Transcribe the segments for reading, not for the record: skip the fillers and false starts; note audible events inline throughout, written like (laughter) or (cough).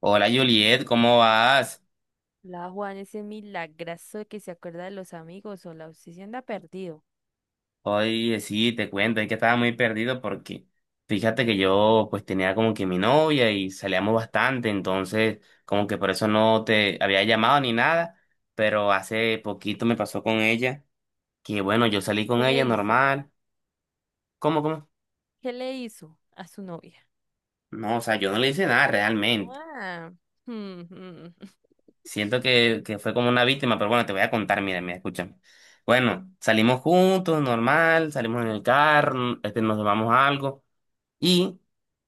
Hola, Juliet, ¿cómo vas? La Juan, ese milagrazo que se acuerda de los amigos o la obsesión de ha perdido. Oye, sí, te cuento, es que estaba muy perdido porque fíjate que yo pues tenía como que mi novia y salíamos bastante, entonces como que por eso no te había llamado ni nada, pero hace poquito me pasó con ella, que bueno, yo salí con ¿Qué le ella hizo? normal. ¿Cómo, cómo? ¿Qué le hizo a su novia? No, o sea, yo no le hice nada realmente, Ah, mm, mm. siento que fue como una víctima, pero bueno, te voy a contar, mira, mira, escúchame. Bueno, salimos juntos, normal, salimos en el carro, este, nos tomamos algo. Y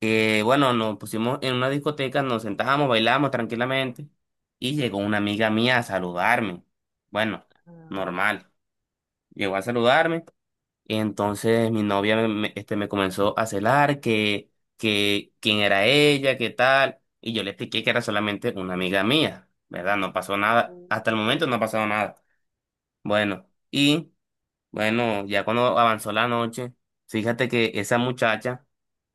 bueno, nos pusimos en una discoteca, nos sentábamos, bailábamos tranquilamente y llegó una amiga mía a saludarme. Bueno, Ah, normal. Llegó a saludarme y entonces mi novia me comenzó a celar que quién era ella, qué tal. Y yo le expliqué que era solamente una amiga mía, ¿verdad? No pasó nada. uy, Hasta el sí. momento no ha pasado nada. Bueno, y... Bueno, ya cuando avanzó la noche, fíjate que esa muchacha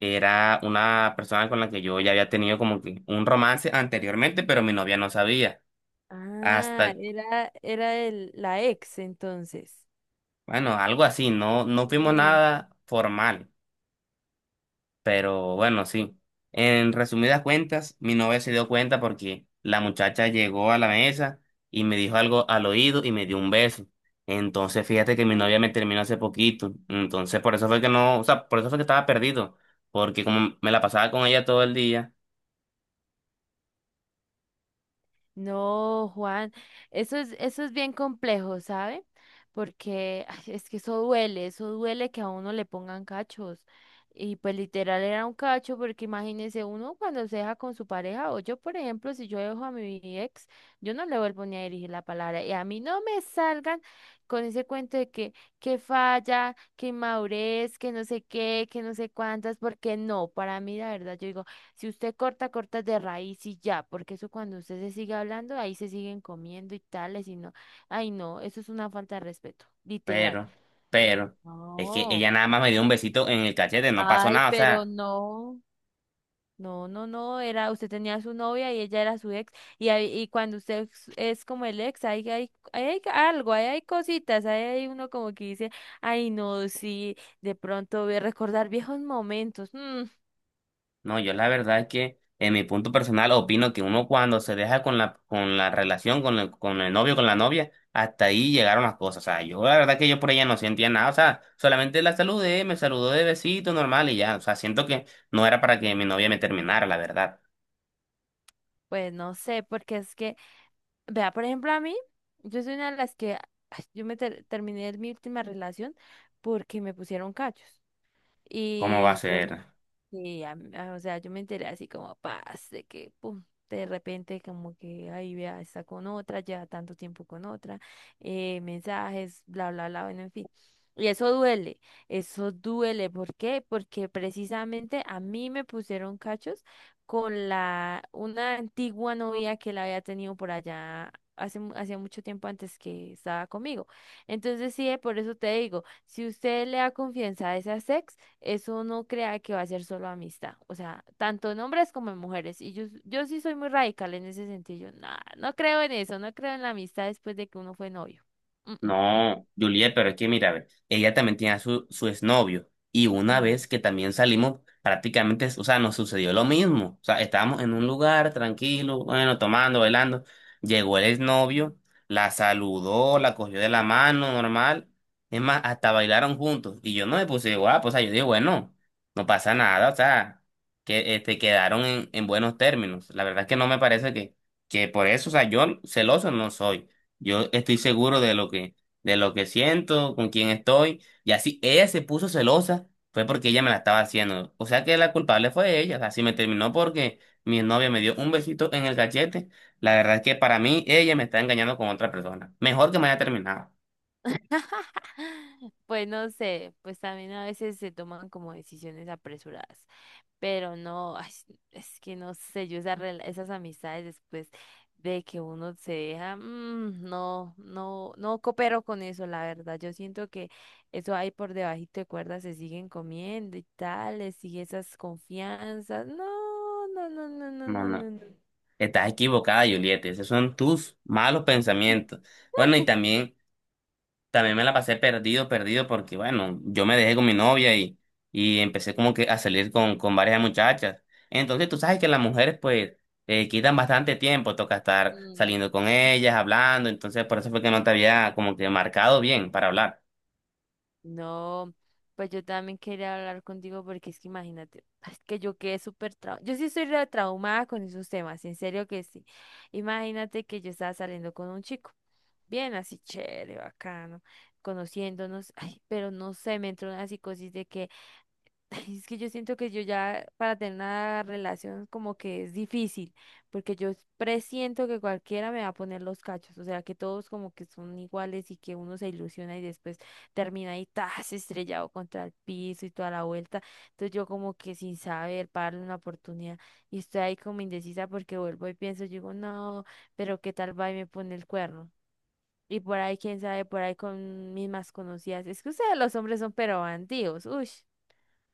era una persona con la que yo ya había tenido como que un romance anteriormente, pero mi novia no sabía. Ah, Hasta, era la ex entonces. bueno, algo así, no, no fuimos Mm. nada formal. Pero bueno, sí. En resumidas cuentas, mi novia se dio cuenta porque la muchacha llegó a la mesa y me dijo algo al oído y me dio un beso. Entonces, fíjate que mi novia me terminó hace poquito. Entonces, por eso fue que no, o sea, por eso fue que estaba perdido. Porque como me la pasaba con ella todo el día, No, Juan, eso es bien complejo, ¿sabe? Porque ay, es que eso duele que a uno le pongan cachos. Y pues literal era un cacho, porque imagínese uno cuando se deja con su pareja, o yo, por ejemplo, si yo dejo a mi ex, yo no le vuelvo ni a dirigir la palabra. Y a mí no me salgan con ese cuento de que falla, que inmadurez, que no sé qué, que no sé cuántas, porque no, para mí la verdad, yo digo. Si usted corta, corta de raíz y ya, porque eso cuando usted se sigue hablando, ahí se siguen comiendo y tales y no. Ay, no, eso es una falta de respeto, literal. pero, pero, es que No, ella nada más me dio un besito en el cachete, no pasó ay, nada, o pero sea. no. No, no, no, usted tenía su novia y ella era su ex, y cuando usted es como el ex, ahí hay algo, ahí hay cositas, ahí hay uno como que dice, ay, no, sí, de pronto voy a recordar viejos momentos. No, yo la verdad es que en mi punto personal opino que uno cuando se deja con la relación, con el novio, con la novia, hasta ahí llegaron las cosas. O sea, yo la verdad que yo por ella no sentía nada. O sea, solamente la saludé, me saludó de besito normal y ya. O sea, siento que no era para que mi novia me terminara, la verdad. Pues no sé, porque es que vea, por ejemplo, a mí, yo soy una de las que, ay, yo me terminé mi última relación porque me pusieron cachos. ¿Cómo va a Y yo ser? sí, o sea, yo me enteré así como paz, de que pum, de repente como que ahí vea, está con otra, lleva tanto tiempo con otra, mensajes, bla, bla, bla, bueno, en fin. Y eso duele, eso duele. ¿Por qué? Porque precisamente a mí me pusieron cachos con la una antigua novia que la había tenido por allá hacía mucho tiempo antes que estaba conmigo. Entonces, sí, por eso te digo, si usted le da confianza a esa ex, eso no crea que va a ser solo amistad, o sea, tanto en hombres como en mujeres. Y yo sí soy muy radical en ese sentido. Yo, nah, no creo en eso, no creo en la amistad después de que uno fue novio. Mm, mm. No, Juliet, pero es que mira, ve, ella también tenía su exnovio y una Mm. vez que también salimos, prácticamente, o sea, nos sucedió lo mismo. O sea, estábamos en un lugar tranquilo, bueno, tomando, bailando. Llegó el exnovio, la saludó, la cogió de la mano, normal. Es más, hasta bailaron juntos. Y yo no me puse guapo, o sea, yo dije, bueno, no pasa nada, o sea, que este, quedaron en buenos términos. La verdad es que no me parece que por eso, o sea, yo celoso no soy. Yo estoy seguro de lo que siento, con quién estoy. Y así ella se puso celosa, fue porque ella me la estaba haciendo. O sea que la culpable fue ella. Así me terminó porque mi novia me dio un besito en el cachete. La verdad es que para mí ella me está engañando con otra persona. Mejor que me haya terminado. Pues no sé, pues también a veces se toman como decisiones apresuradas. Pero no, ay, es que no sé, yo esas amistades después de que uno se deja, no, no, no coopero con eso, la verdad. Yo siento que eso ahí por debajito de cuerda se siguen comiendo y tal, les sigue esas confianzas. No, no, no, no, no, No, no, no. no, Estás equivocada, Julieta. Esos son tus malos pensamientos. Bueno, y también. También me la pasé perdido, perdido, porque bueno, yo me dejé con mi novia y empecé como que a salir con varias muchachas. Entonces tú sabes que las mujeres pues quitan bastante tiempo, toca estar no. saliendo con ellas, hablando, entonces por eso fue que no te había como que marcado bien para hablar. No. Pues yo también quería hablar contigo porque es que imagínate, (laughs) es que yo quedé súper traumada. Yo sí estoy re traumada con esos temas, en serio que sí. Imagínate que yo estaba saliendo con un chico, bien así chévere, bacano, conociéndonos, ay, pero no sé, me entró una psicosis de que (laughs) ay, es que yo siento que yo ya para tener una relación como que es difícil, porque yo presiento que cualquiera me va a poner los cachos, o sea, que todos como que son iguales y que uno se ilusiona y después termina ahí tas estrellado contra el piso y toda la vuelta. Entonces yo como que sin saber, para darle una oportunidad y estoy ahí como indecisa porque vuelvo y pienso, yo digo, no, pero qué tal va y me pone el cuerno. Y por ahí, quién sabe, por ahí con mis más conocidas. Es que ustedes los hombres son pero bandidos,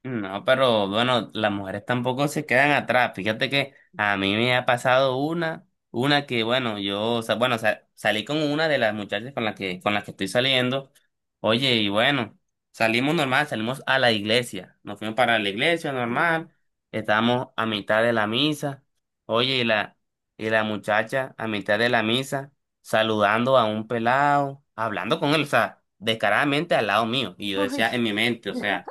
No, pero bueno, las mujeres tampoco se quedan atrás. Fíjate que a mí me ha pasado una que bueno, yo, o sea, bueno, salí con una de las muchachas con las que estoy saliendo. Oye, y bueno, salimos normal, salimos a la iglesia. Nos fuimos para la iglesia uy. normal, estábamos a mitad de la misa. Oye, y la muchacha a mitad de la misa, saludando a un pelado, hablando con él, o sea, descaradamente al lado mío. Y yo (laughs) Uy, decía en mi mente, o sea,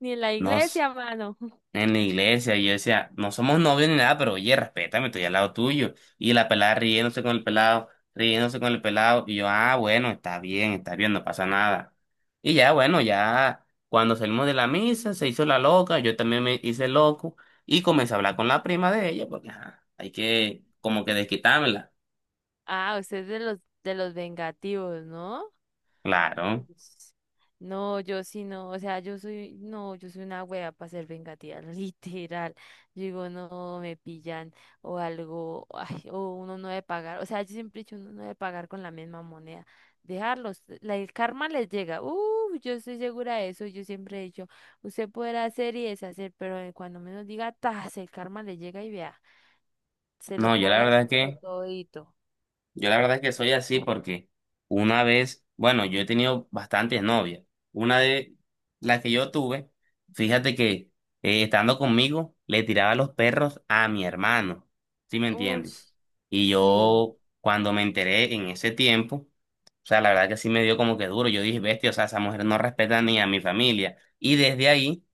ni en la no iglesia, mano. en la iglesia y yo decía, no somos novios ni nada, pero oye, respétame, estoy al lado tuyo. Y la pelada riéndose con el pelado, riéndose con el pelado. Y yo, ah, bueno, está bien, no pasa nada. Y ya, bueno, ya cuando salimos de la misa, se hizo la loca, yo también me hice loco y comencé a hablar con la prima de ella, porque ajá, hay que como que desquitármela. Ah, usted es de los, vengativos, ¿no? Claro. Ups. No, yo sí no, o sea, yo soy, no, yo soy una wea para ser vengativa, (laughs) literal. Yo digo, no, me pillan o algo, ay, o uno no debe pagar, o sea, yo siempre he dicho, uno no debe pagar con la misma moneda, dejarlos, el karma les llega, yo estoy segura de eso, yo siempre he dicho, usted podrá hacer y deshacer, pero cuando menos diga, tas, el karma le llega y vea. Se lo No, yo la verdad cobras es pero que... todito. Yo la verdad es que soy así porque una vez, bueno, yo he tenido bastantes novias. Una de las que yo tuve, fíjate que estando conmigo le tiraba los perros a mi hermano, ¿sí me Uy, entiendes? Y sí, yo cuando me enteré en ese tiempo, o sea, la verdad que sí me dio como que duro. Yo dije, bestia, o sea, esa mujer no respeta ni a mi familia. Y desde ahí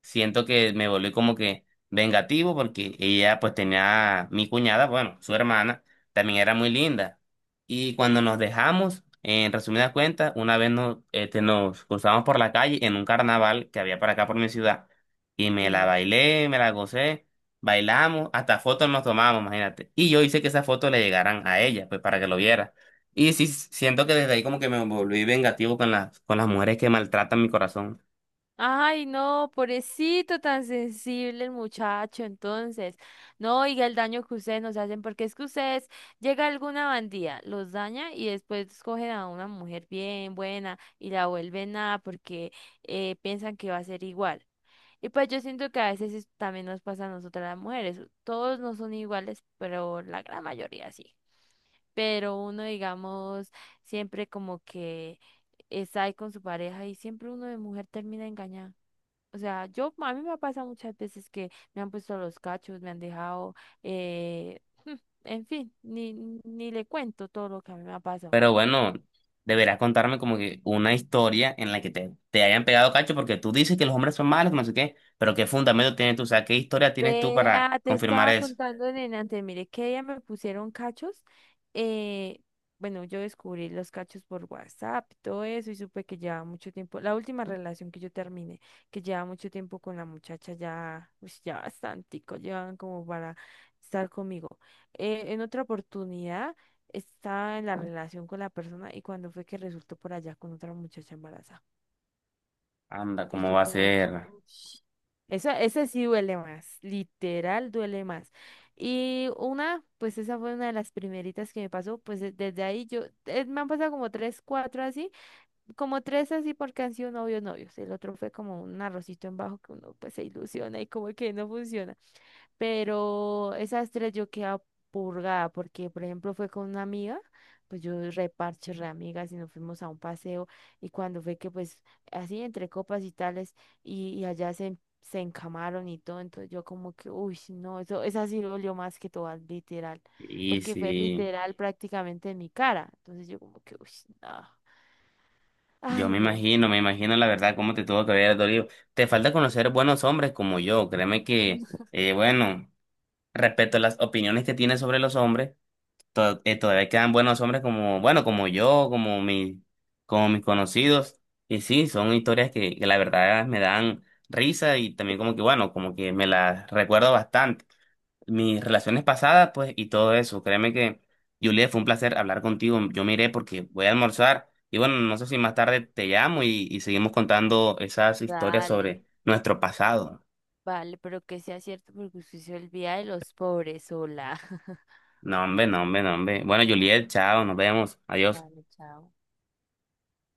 siento que me volví como que vengativo porque ella pues tenía mi cuñada, bueno, su hermana también era muy linda. Y cuando nos dejamos, en resumidas cuentas, una vez nos, este, nos cruzamos por la calle en un carnaval que había para acá por mi ciudad. Y me la sí. bailé, me la gocé, bailamos, hasta fotos nos tomamos, imagínate. Y yo hice que esas fotos le llegaran a ella, pues para que lo viera. Y sí, siento que desde ahí como que me volví vengativo con las mujeres que maltratan mi corazón. Ay, no, pobrecito, tan sensible el muchacho, entonces. No oiga el daño que ustedes nos hacen, porque es que ustedes llega alguna bandida, los daña y después cogen a una mujer bien buena y la vuelven nada porque piensan que va a ser igual. Y pues yo siento que a veces también nos pasa a nosotras las mujeres. Todos no son iguales, pero la gran mayoría sí. Pero uno, digamos, siempre como que está ahí con su pareja y siempre uno de mujer termina engañada. O sea, yo, a mí me ha pasado muchas veces que me han puesto los cachos, me han dejado, eh, en fin, ni le cuento todo lo que a mí me ha pasado. Pero bueno, deberás contarme como que una historia en la que te hayan pegado cacho, porque tú dices que los hombres son malos, no sé qué, pero ¿qué fundamento tienes tú? O sea, ¿qué historia tienes tú para Vea, te confirmar estaba eso? contando, nena, antes, mire que ella me pusieron cachos. eh, bueno, yo descubrí los cachos por WhatsApp, y todo eso, y supe que llevaba mucho tiempo. La última relación que yo terminé, que llevaba mucho tiempo con la muchacha, ya, pues ya bastantico, llevaban como para estar conmigo. En otra oportunidad estaba en la relación con la persona y cuando fue que resultó por allá con otra muchacha embarazada. Anda, Y ¿cómo yo va a como que, ser? "Ush". Eso, ese sí duele más, literal duele más. Y una, pues esa fue una de las primeritas que me pasó, pues desde ahí yo, me han pasado como tres, cuatro así, como tres así porque han sido novios, novios. El otro fue como un arrocito en bajo que uno pues se ilusiona y como que no funciona. Pero esas tres yo quedaba purgada porque, por ejemplo, fue con una amiga, pues yo reparche re amigas y nos fuimos a un paseo y cuando fue que pues así entre copas y tales y allá se encamaron y todo, entonces yo como que, uy, no, eso, esa sí dolió más que todas, literal, Y porque fue sí, literal prácticamente en mi cara, entonces yo como que, uy, no, yo ay, no. Me imagino la verdad cómo te tuvo que haber dolido. Te falta conocer buenos hombres como yo, créeme que, (laughs) bueno, respecto a las opiniones que tienes sobre los hombres, todavía quedan buenos hombres como, bueno, como yo, como mi, como mis conocidos. Y sí, son historias que la verdad me dan risa y también como que, bueno, como que me las recuerdo bastante. Mis relaciones pasadas, pues, y todo eso. Créeme que, Juliet, fue un placer hablar contigo. Yo me iré porque voy a almorzar. Y bueno, no sé si más tarde te llamo y seguimos contando esas historias Dale, sobre nuestro pasado. vale, pero que sea cierto porque usted se olvida de los pobres, hola. (laughs) No, hombre, no, hombre, no, hombre. Bueno, Juliet, chao, nos vemos. Adiós. Vale, chao.